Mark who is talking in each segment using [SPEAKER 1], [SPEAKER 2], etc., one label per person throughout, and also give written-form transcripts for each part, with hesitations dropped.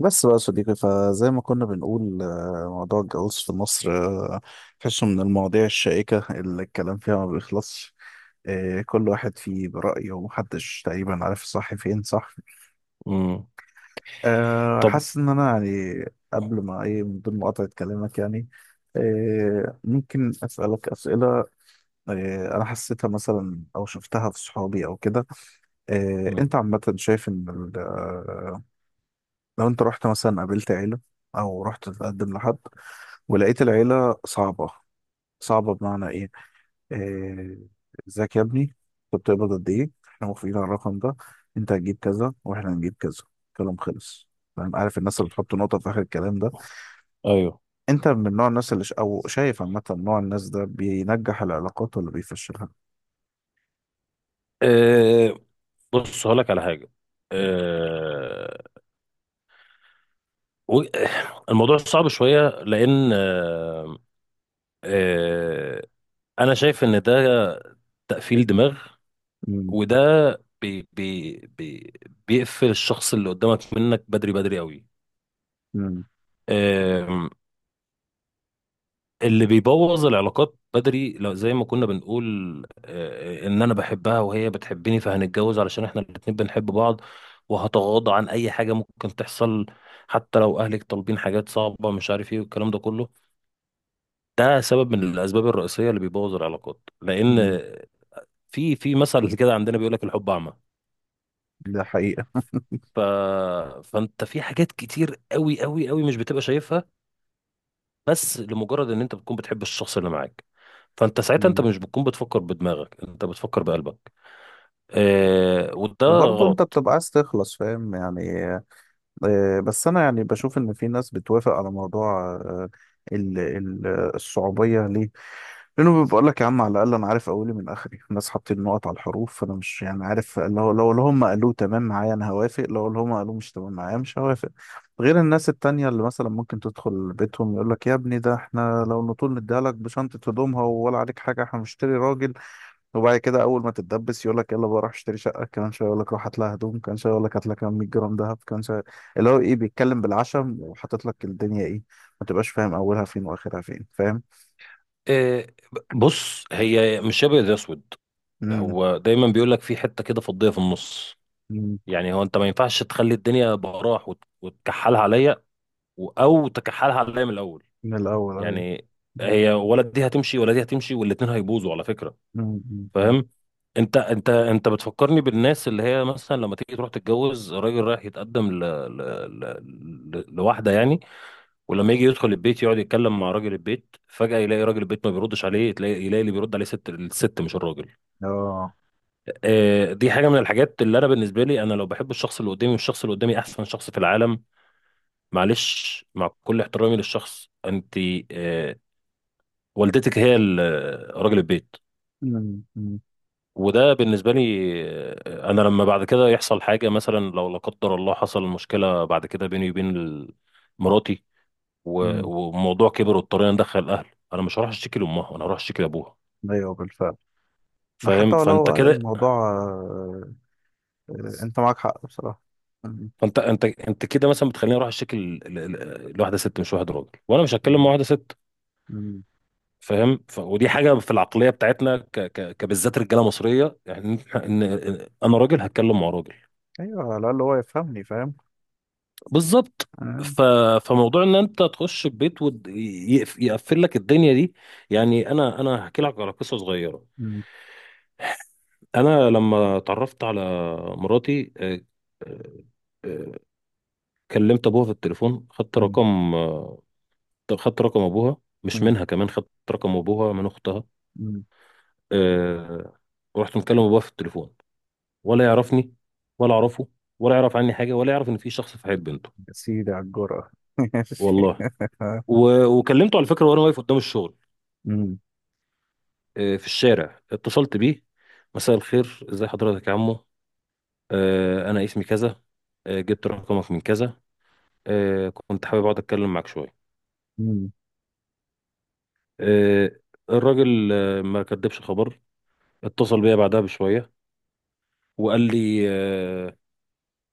[SPEAKER 1] بس بقى يا صديقي فزي ما كنا بنقول موضوع الجواز في مصر تحسه من المواضيع الشائكة اللي الكلام فيها ما بيخلصش. كل واحد فيه برأيه ومحدش تقريبا عارف الصح فين صح.
[SPEAKER 2] امم. طب.
[SPEAKER 1] حاسس إن أنا يعني قبل ما إيه من ضمن مقاطعة كلامك يعني ممكن أسألك أسئلة. أنا حسيتها مثلا أو شفتها في صحابي أو كده.
[SPEAKER 2] مم.
[SPEAKER 1] أنت عامة شايف إن لو أنت رحت مثلا قابلت عيلة أو رحت تتقدم لحد ولقيت العيلة صعبة. صعبة بمعنى إيه؟ آه، إزيك يا ابني؟ أنت بتقبض قد إيه؟ إحنا موافقين على الرقم ده، أنت هتجيب كذا وإحنا هنجيب كذا، كلام خلص. فاهم عارف الناس اللي بتحط نقطة في آخر الكلام ده،
[SPEAKER 2] ايوه.
[SPEAKER 1] أنت من نوع الناس أو شايف عامة نوع الناس ده بينجح العلاقات ولا بيفشلها؟
[SPEAKER 2] أه، بص، هقول لك على حاجه. أه و- الموضوع صعب شويه لان أه أه انا شايف ان ده تقفيل دماغ.
[SPEAKER 1] مم.
[SPEAKER 2] وده بي بي بي بيقفل الشخص اللي قدامك منك بدري بدري قوي.
[SPEAKER 1] مم.
[SPEAKER 2] اللي بيبوظ العلاقات بدري، لو زي ما كنا بنقول ان انا بحبها وهي بتحبني، فهنتجوز علشان احنا الاتنين بنحب بعض، وهتغاضى عن اي حاجة ممكن تحصل، حتى لو اهلك طالبين حاجات صعبة مش عارف ايه والكلام ده كله. ده سبب من الاسباب الرئيسية اللي بيبوظ العلاقات،
[SPEAKER 1] مم.
[SPEAKER 2] لان في في مثل كده عندنا بيقول لك الحب اعمى.
[SPEAKER 1] ده حقيقة.
[SPEAKER 2] ف... فانت في حاجات كتير قوي قوي قوي مش بتبقى شايفها، بس لمجرد ان انت بتكون بتحب الشخص اللي معاك، فانت ساعتها، انت
[SPEAKER 1] مم.
[SPEAKER 2] مش بتكون بتفكر بدماغك، انت بتفكر بقلبك. وده
[SPEAKER 1] وبرضه أنت
[SPEAKER 2] غلط.
[SPEAKER 1] بتبقى عايز تخلص فاهم يعني. بس انا يعني بشوف ان في ناس بتوافق على موضوع ال- ال- الصعوبيه ليه، لانه بيقول لك يا عم على الاقل انا عارف اولي من اخري، الناس حاطين نقط على الحروف، فانا مش يعني عارف، لو اللي هم قالوه تمام معايا انا هوافق، لو اللي هم قالوه مش تمام معايا مش هوافق. غير الناس التانية اللي مثلا ممكن تدخل بيتهم يقول لك يا ابني ده احنا لو نطول نديها لك بشنطه هدومها ولا عليك حاجه، احنا بنشتري راجل. وبعد كده اول ما تتدبس يقول لك يلا بقى روح اشتري شقه كمان شويه، يقول لك روح هات لها هدوم كمان شويه، يقول لك هات لها كمان 100 جرام دهب كمان شويه. اللي هو ايه بيتكلم بالعشم وحاطط لك الدنيا ايه، ما تبقاش فاهم اولها فين واخرها فين فاهم.
[SPEAKER 2] آه بص، هي مش ابيض يا اسود،
[SPEAKER 1] امم.
[SPEAKER 2] هو دايما بيقول لك في حته كده فضيه في النص.
[SPEAKER 1] أمم.
[SPEAKER 2] يعني هو انت ما ينفعش تخلي الدنيا براح وتكحلها عليا، او تكحلها عليا من الاول.
[SPEAKER 1] من الاول ايوه.
[SPEAKER 2] يعني
[SPEAKER 1] أمم.
[SPEAKER 2] هي، ولا دي هتمشي ولا دي هتمشي، والاتنين هيبوظوا على فكره.
[SPEAKER 1] أمم. أمم.
[SPEAKER 2] فاهم؟ انت بتفكرني بالناس اللي هي مثلا لما تيجي تروح تتجوز، راجل رايح يتقدم ل... ل... لواحده يعني، ولما يجي يدخل البيت يقعد يتكلم مع راجل البيت، فجأة يلاقي راجل البيت ما بيردش عليه، تلاقي يلاقي اللي بيرد عليه ست. الست مش الراجل.
[SPEAKER 1] اه.
[SPEAKER 2] دي حاجه من الحاجات اللي انا بالنسبه لي، انا لو بحب الشخص اللي قدامي، والشخص اللي قدامي احسن شخص في العالم، معلش مع كل احترامي للشخص، انت آه، والدتك هي راجل البيت.
[SPEAKER 1] أمم. أمم.
[SPEAKER 2] وده بالنسبة لي أنا لما بعد كده يحصل حاجة، مثلا لو لا قدر الله حصل مشكلة بعد كده بيني وبين مراتي، و-
[SPEAKER 1] أمم.
[SPEAKER 2] وموضوع كبر واضطرينا ندخل الأهل، أنا مش هروح أشتكي لأمها، أنا هروح أشتكي لأبوها.
[SPEAKER 1] ايوه بالفعل.
[SPEAKER 2] فاهم؟
[SPEAKER 1] حتى
[SPEAKER 2] فأنت
[SPEAKER 1] ولو
[SPEAKER 2] كده،
[SPEAKER 1] الموضوع انت معاك حق بصراحه. أمم.
[SPEAKER 2] فأنت أنت أنت كده مثلا بتخليني أروح أشتكي لواحدة ست مش واحد راجل، وأنا مش هتكلم مع
[SPEAKER 1] أمم.
[SPEAKER 2] واحدة ست.
[SPEAKER 1] أمم.
[SPEAKER 2] فاهم؟ ودي حاجة في العقلية بتاعتنا، كبالذات رجالة مصرية يعني، إن أنا راجل هتكلم مع راجل.
[SPEAKER 1] ايوه على الاقل هو يفهمني فاهم.
[SPEAKER 2] بالظبط.
[SPEAKER 1] أمم.
[SPEAKER 2] ف... فموضوع ان انت تخش البيت ويقفل لك الدنيا دي، يعني انا هحكي لك على قصه صغيره. انا لما اتعرفت على مراتي آه، آه، كلمت ابوها في التليفون، خدت
[SPEAKER 1] أمم.
[SPEAKER 2] رقم، خدت رقم ابوها، مش منها كمان، خدت رقم ابوها من اختها،
[SPEAKER 1] أمم.
[SPEAKER 2] آه، ورحت مكلم ابوها في التليفون، ولا يعرفني ولا اعرفه، ولا يعرف عني حاجه، ولا يعرف ان في شخص في حياه بنته.
[SPEAKER 1] يا سيدي على الجرأة. ماشي.
[SPEAKER 2] والله، وكلمته على فكره وانا واقف قدام الشغل،
[SPEAKER 1] أمم،
[SPEAKER 2] في الشارع اتصلت بيه. مساء الخير، ازي حضرتك يا عمو؟ انا اسمي كذا، جبت رقمك من كذا، كنت حابب اقعد اتكلم معاك شويه.
[SPEAKER 1] أمم،
[SPEAKER 2] آه، الراجل ما كدبش خبر، اتصل بيا بعدها بشويه وقال لي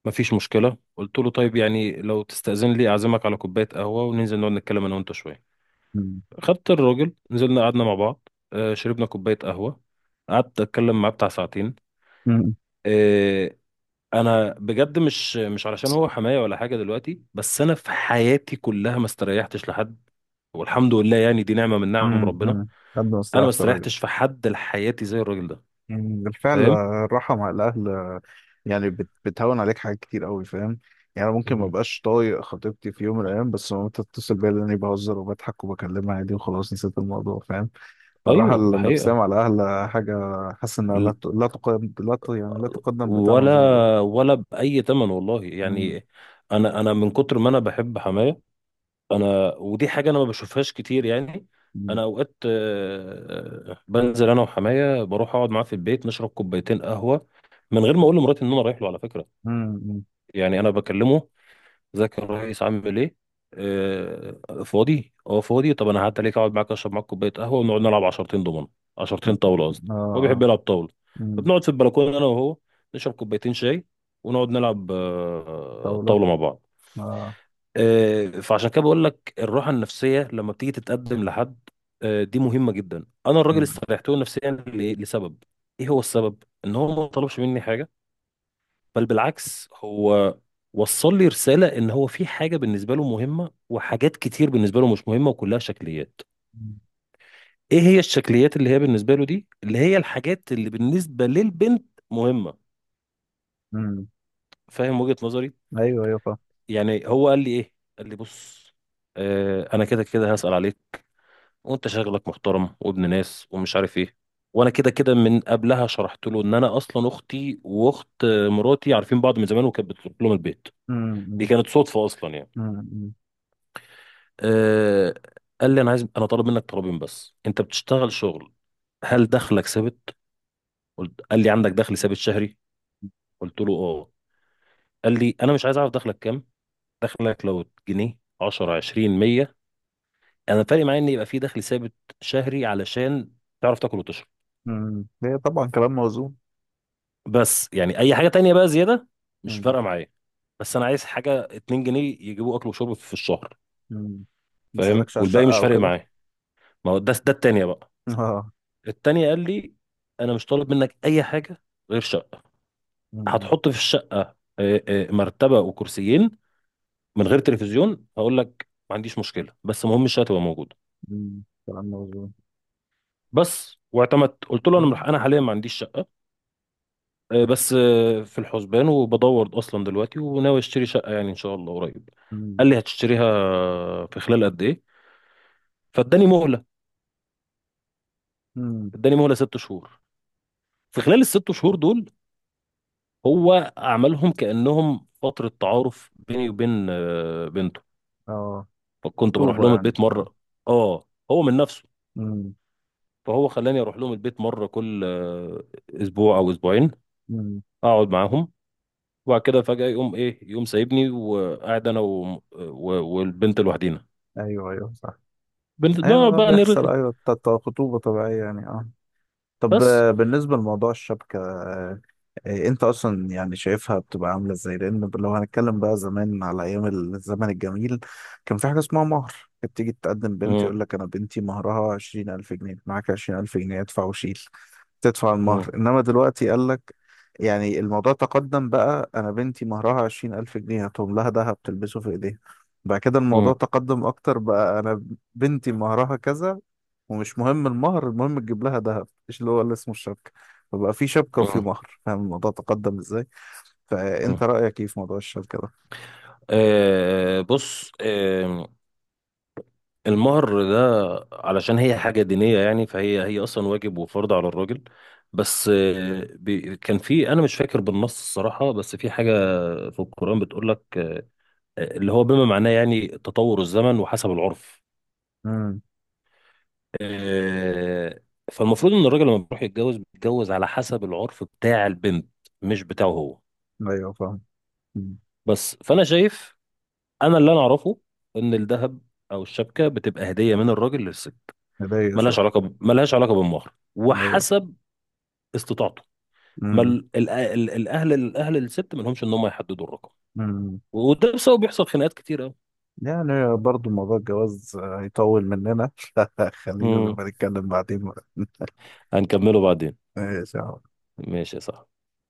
[SPEAKER 2] مفيش مشكله. قلت له طيب، يعني لو تستأذن لي اعزمك على كوبايه قهوه، وننزل نقعد نتكلم انا وانت شويه.
[SPEAKER 1] أمم،
[SPEAKER 2] خدت الراجل، نزلنا قعدنا مع بعض، شربنا كوبايه قهوه، قعدت اتكلم معاه بتاع ساعتين.
[SPEAKER 1] أمم،
[SPEAKER 2] آه، انا بجد مش مش علشان هو حماية ولا حاجة دلوقتي، بس انا في حياتي كلها ما استريحتش لحد، والحمد لله يعني، دي نعمة من نعم
[SPEAKER 1] أمم،
[SPEAKER 2] ربنا.
[SPEAKER 1] أمم. قدم
[SPEAKER 2] انا ما
[SPEAKER 1] استراحة الراجل.
[SPEAKER 2] استريحتش في حد لحياتي زي الراجل ده.
[SPEAKER 1] أمم، بالفعل
[SPEAKER 2] فاهم؟
[SPEAKER 1] الراحة مع الأهل يعني بتهون عليك حاجات كتير أوي فاهم. يعني أنا ممكن ما
[SPEAKER 2] مم.
[SPEAKER 1] بقاش طايق خطيبتي في يوم من الأيام، بس لما تتصل بيا لأني بهزر وبضحك وبكلمها عادي وخلاص نسيت الموضوع فاهم. فالراحة
[SPEAKER 2] ايوه، ده
[SPEAKER 1] النفسية
[SPEAKER 2] حقيقة.
[SPEAKER 1] مع الأهل حاجة. حاسس إنها
[SPEAKER 2] ال-
[SPEAKER 1] لا تقدم لا ت- يعني لا تقدم بثمن زي ما بيقولوا.
[SPEAKER 2] ولا ولا بأي تمن والله
[SPEAKER 1] أمم،
[SPEAKER 2] يعني. انا من كتر ما انا بحب حماية، انا ودي حاجه انا ما بشوفهاش كتير يعني.
[SPEAKER 1] أمم،
[SPEAKER 2] انا اوقات بنزل انا وحماية، بروح اقعد معاه في البيت نشرب كوبايتين قهوه، من غير ما اقول لمراتي ان انا رايح له على فكره.
[SPEAKER 1] أمم، أمم.
[SPEAKER 2] يعني انا بكلمه: ازيك يا ريس، عامل ايه؟ فاضي؟ اه فاضي. طب انا هعدي عليك، اقعد معاك، اشرب معاك كوبايه قهوه، ونقعد نلعب عشرتين دومنه. عشرتين طاوله قصدي.
[SPEAKER 1] آه
[SPEAKER 2] هو بيحب
[SPEAKER 1] آه.
[SPEAKER 2] يلعب طاوله.
[SPEAKER 1] أمم.
[SPEAKER 2] فبنقعد في البلكونه انا وهو، نشرب كوبايتين شاي، ونقعد نلعب
[SPEAKER 1] طاولة.
[SPEAKER 2] طاوله مع بعض.
[SPEAKER 1] اه.
[SPEAKER 2] فعشان كده بقول لك الراحه النفسيه لما بتيجي تتقدم لحد، دي مهمه جدا. انا الراجل
[SPEAKER 1] مم.
[SPEAKER 2] استريحت له نفسيا لسبب. ايه هو السبب؟ ان هو ما طلبش مني حاجه، بل بالعكس، هو وصل لي رساله ان هو في حاجه بالنسبه له مهمه، وحاجات كتير بالنسبه له مش مهمه وكلها شكليات. ايه هي الشكليات اللي هي بالنسبه له دي؟ اللي هي الحاجات اللي بالنسبه للبنت مهمه.
[SPEAKER 1] مم.
[SPEAKER 2] فاهم وجهه نظري؟
[SPEAKER 1] ايوه ايوه فاهم.
[SPEAKER 2] يعني هو قال لي ايه؟ قال لي بص، انا كده كده هسأل عليك، وانت شغلك محترم وابن ناس ومش عارف ايه. وانا كده كده من قبلها شرحت له ان انا اصلا اختي واخت مراتي عارفين بعض من زمان وكانت بتروح لهم البيت. دي
[SPEAKER 1] مم.
[SPEAKER 2] كانت صدفه اصلا يعني.
[SPEAKER 1] مم. مم.
[SPEAKER 2] أه. قال لي انا عايز، انا طالب منك طلبين. بس انت بتشتغل شغل، هل دخلك ثابت؟ قلت، قال لي عندك دخل ثابت شهري؟ قلت له اه. قال لي انا مش عايز اعرف دخلك كام. دخلك لو جنيه، 10، 20، 100، انا فارق معايا ان يبقى في دخل ثابت شهري، علشان تعرف تاكل وتشرب.
[SPEAKER 1] مم. هي طبعا كلام موزون.
[SPEAKER 2] بس يعني اي حاجه تانية بقى زياده، مش
[SPEAKER 1] مم.
[SPEAKER 2] فارقه معايا. بس انا عايز حاجه 2 جنيه يجيبوا اكل وشرب في الشهر.
[SPEAKER 1] مم.
[SPEAKER 2] فاهم؟
[SPEAKER 1] مسألكش على
[SPEAKER 2] والباقي
[SPEAKER 1] الشقة
[SPEAKER 2] مش
[SPEAKER 1] او
[SPEAKER 2] فارق
[SPEAKER 1] كده.
[SPEAKER 2] معايا. ما هو ده التانية بقى.
[SPEAKER 1] اه.
[SPEAKER 2] التانية قال لي انا مش طالب منك اي حاجه غير شقه.
[SPEAKER 1] مم.
[SPEAKER 2] هتحط في الشقه مرتبه وكرسيين، من غير تلفزيون هقول لك ما عنديش مشكله، بس المهم الشقه تبقى موجوده.
[SPEAKER 1] مم. كلام موزون.
[SPEAKER 2] بس واعتمدت، قلت له
[SPEAKER 1] آه.
[SPEAKER 2] انا انا حاليا ما عنديش شقه، بس في الحسبان، وبدور اصلا دلوقتي وناوي اشتري شقه يعني ان شاء الله قريب.
[SPEAKER 1] مم.
[SPEAKER 2] قال لي هتشتريها في خلال قد ايه؟ فاداني مهله.
[SPEAKER 1] مم.
[SPEAKER 2] اداني مهله ست شهور. في خلال الست شهور دول، هو عملهم كانهم فتره تعارف بيني وبين بنته.
[SPEAKER 1] اه.
[SPEAKER 2] فكنت بروح
[SPEAKER 1] طوبة
[SPEAKER 2] لهم
[SPEAKER 1] يعني
[SPEAKER 2] البيت
[SPEAKER 1] اه.
[SPEAKER 2] مره. اه، هو من نفسه.
[SPEAKER 1] مم.
[SPEAKER 2] فهو خلاني اروح لهم البيت مره كل اسبوع او اسبوعين،
[SPEAKER 1] مم.
[SPEAKER 2] اقعد معاهم، وبعد كده فجاه يقوم ايه؟ يقوم سايبني وقاعد انا والبنت لوحدينا،
[SPEAKER 1] ايوه ايوه صح. ايوه
[SPEAKER 2] بنقعد
[SPEAKER 1] ده
[SPEAKER 2] بقى
[SPEAKER 1] بيحصل
[SPEAKER 2] نرغي.
[SPEAKER 1] ايوه بتاع خطوبة طبيعية يعني اه. طب
[SPEAKER 2] بس.
[SPEAKER 1] بالنسبة لموضوع الشبكة انت اصلا يعني شايفها بتبقى عاملة ازاي، لان لو هنتكلم بقى زمان على ايام الزمن الجميل، كان في حاجة اسمها مهر. كانت تيجي تقدم بنت
[SPEAKER 2] مم.
[SPEAKER 1] يقول لك انا بنتي مهرها 20 ألف جنيه، معاك عشرين الف جنيه ادفع وشيل، تدفع المهر.
[SPEAKER 2] مم.
[SPEAKER 1] انما دلوقتي قال لك يعني الموضوع تقدم بقى، انا بنتي مهرها عشرين الف جنيه هاتهم لها دهب تلبسه في ايديها. بعد كده الموضوع
[SPEAKER 2] مم.
[SPEAKER 1] تقدم اكتر بقى، انا بنتي مهرها كذا ومش مهم المهر، المهم تجيب لها ذهب ايش اللي هو اللي اسمه الشبكة. فبقى في شبكة وفي
[SPEAKER 2] مم.
[SPEAKER 1] مهر، فاهم الموضوع تقدم ازاي.
[SPEAKER 2] مم.
[SPEAKER 1] فانت رأيك ايه في موضوع الشبكة ده؟
[SPEAKER 2] بص، المهر ده، علشان هي حاجة دينية يعني، فهي أصلا واجب وفرض على الراجل. بس كان في، أنا مش فاكر بالنص الصراحة، بس في حاجة في القرآن بتقول لك اللي هو بما معناه يعني تطور الزمن وحسب العرف.
[SPEAKER 1] امم.
[SPEAKER 2] آه فالمفروض إن الراجل لما بيروح يتجوز، بيتجوز على حسب العرف بتاع البنت، مش بتاعه هو.
[SPEAKER 1] ايوه فاهم. مم.
[SPEAKER 2] بس فانا شايف، انا اللي انا اعرفه ان الذهب او الشبكه بتبقى هديه من الراجل للست،
[SPEAKER 1] هدية صح.
[SPEAKER 2] ملهاش علاقه بالمهر،
[SPEAKER 1] ايوه.
[SPEAKER 2] وحسب استطاعته. ما
[SPEAKER 1] امم.
[SPEAKER 2] الاهل، الست ما لهمش ان هم يحددوا الرقم.
[SPEAKER 1] امم.
[SPEAKER 2] وده بسبب بيحصل خناقات كتير قوي.
[SPEAKER 1] يعني برضو موضوع الجواز هيطول مننا. خلينا
[SPEAKER 2] امم.
[SPEAKER 1] لما نتكلم بعدين بقى.
[SPEAKER 2] هنكمله بعدين.
[SPEAKER 1] ماشي يا عم.
[SPEAKER 2] ماشي يا صاحبي.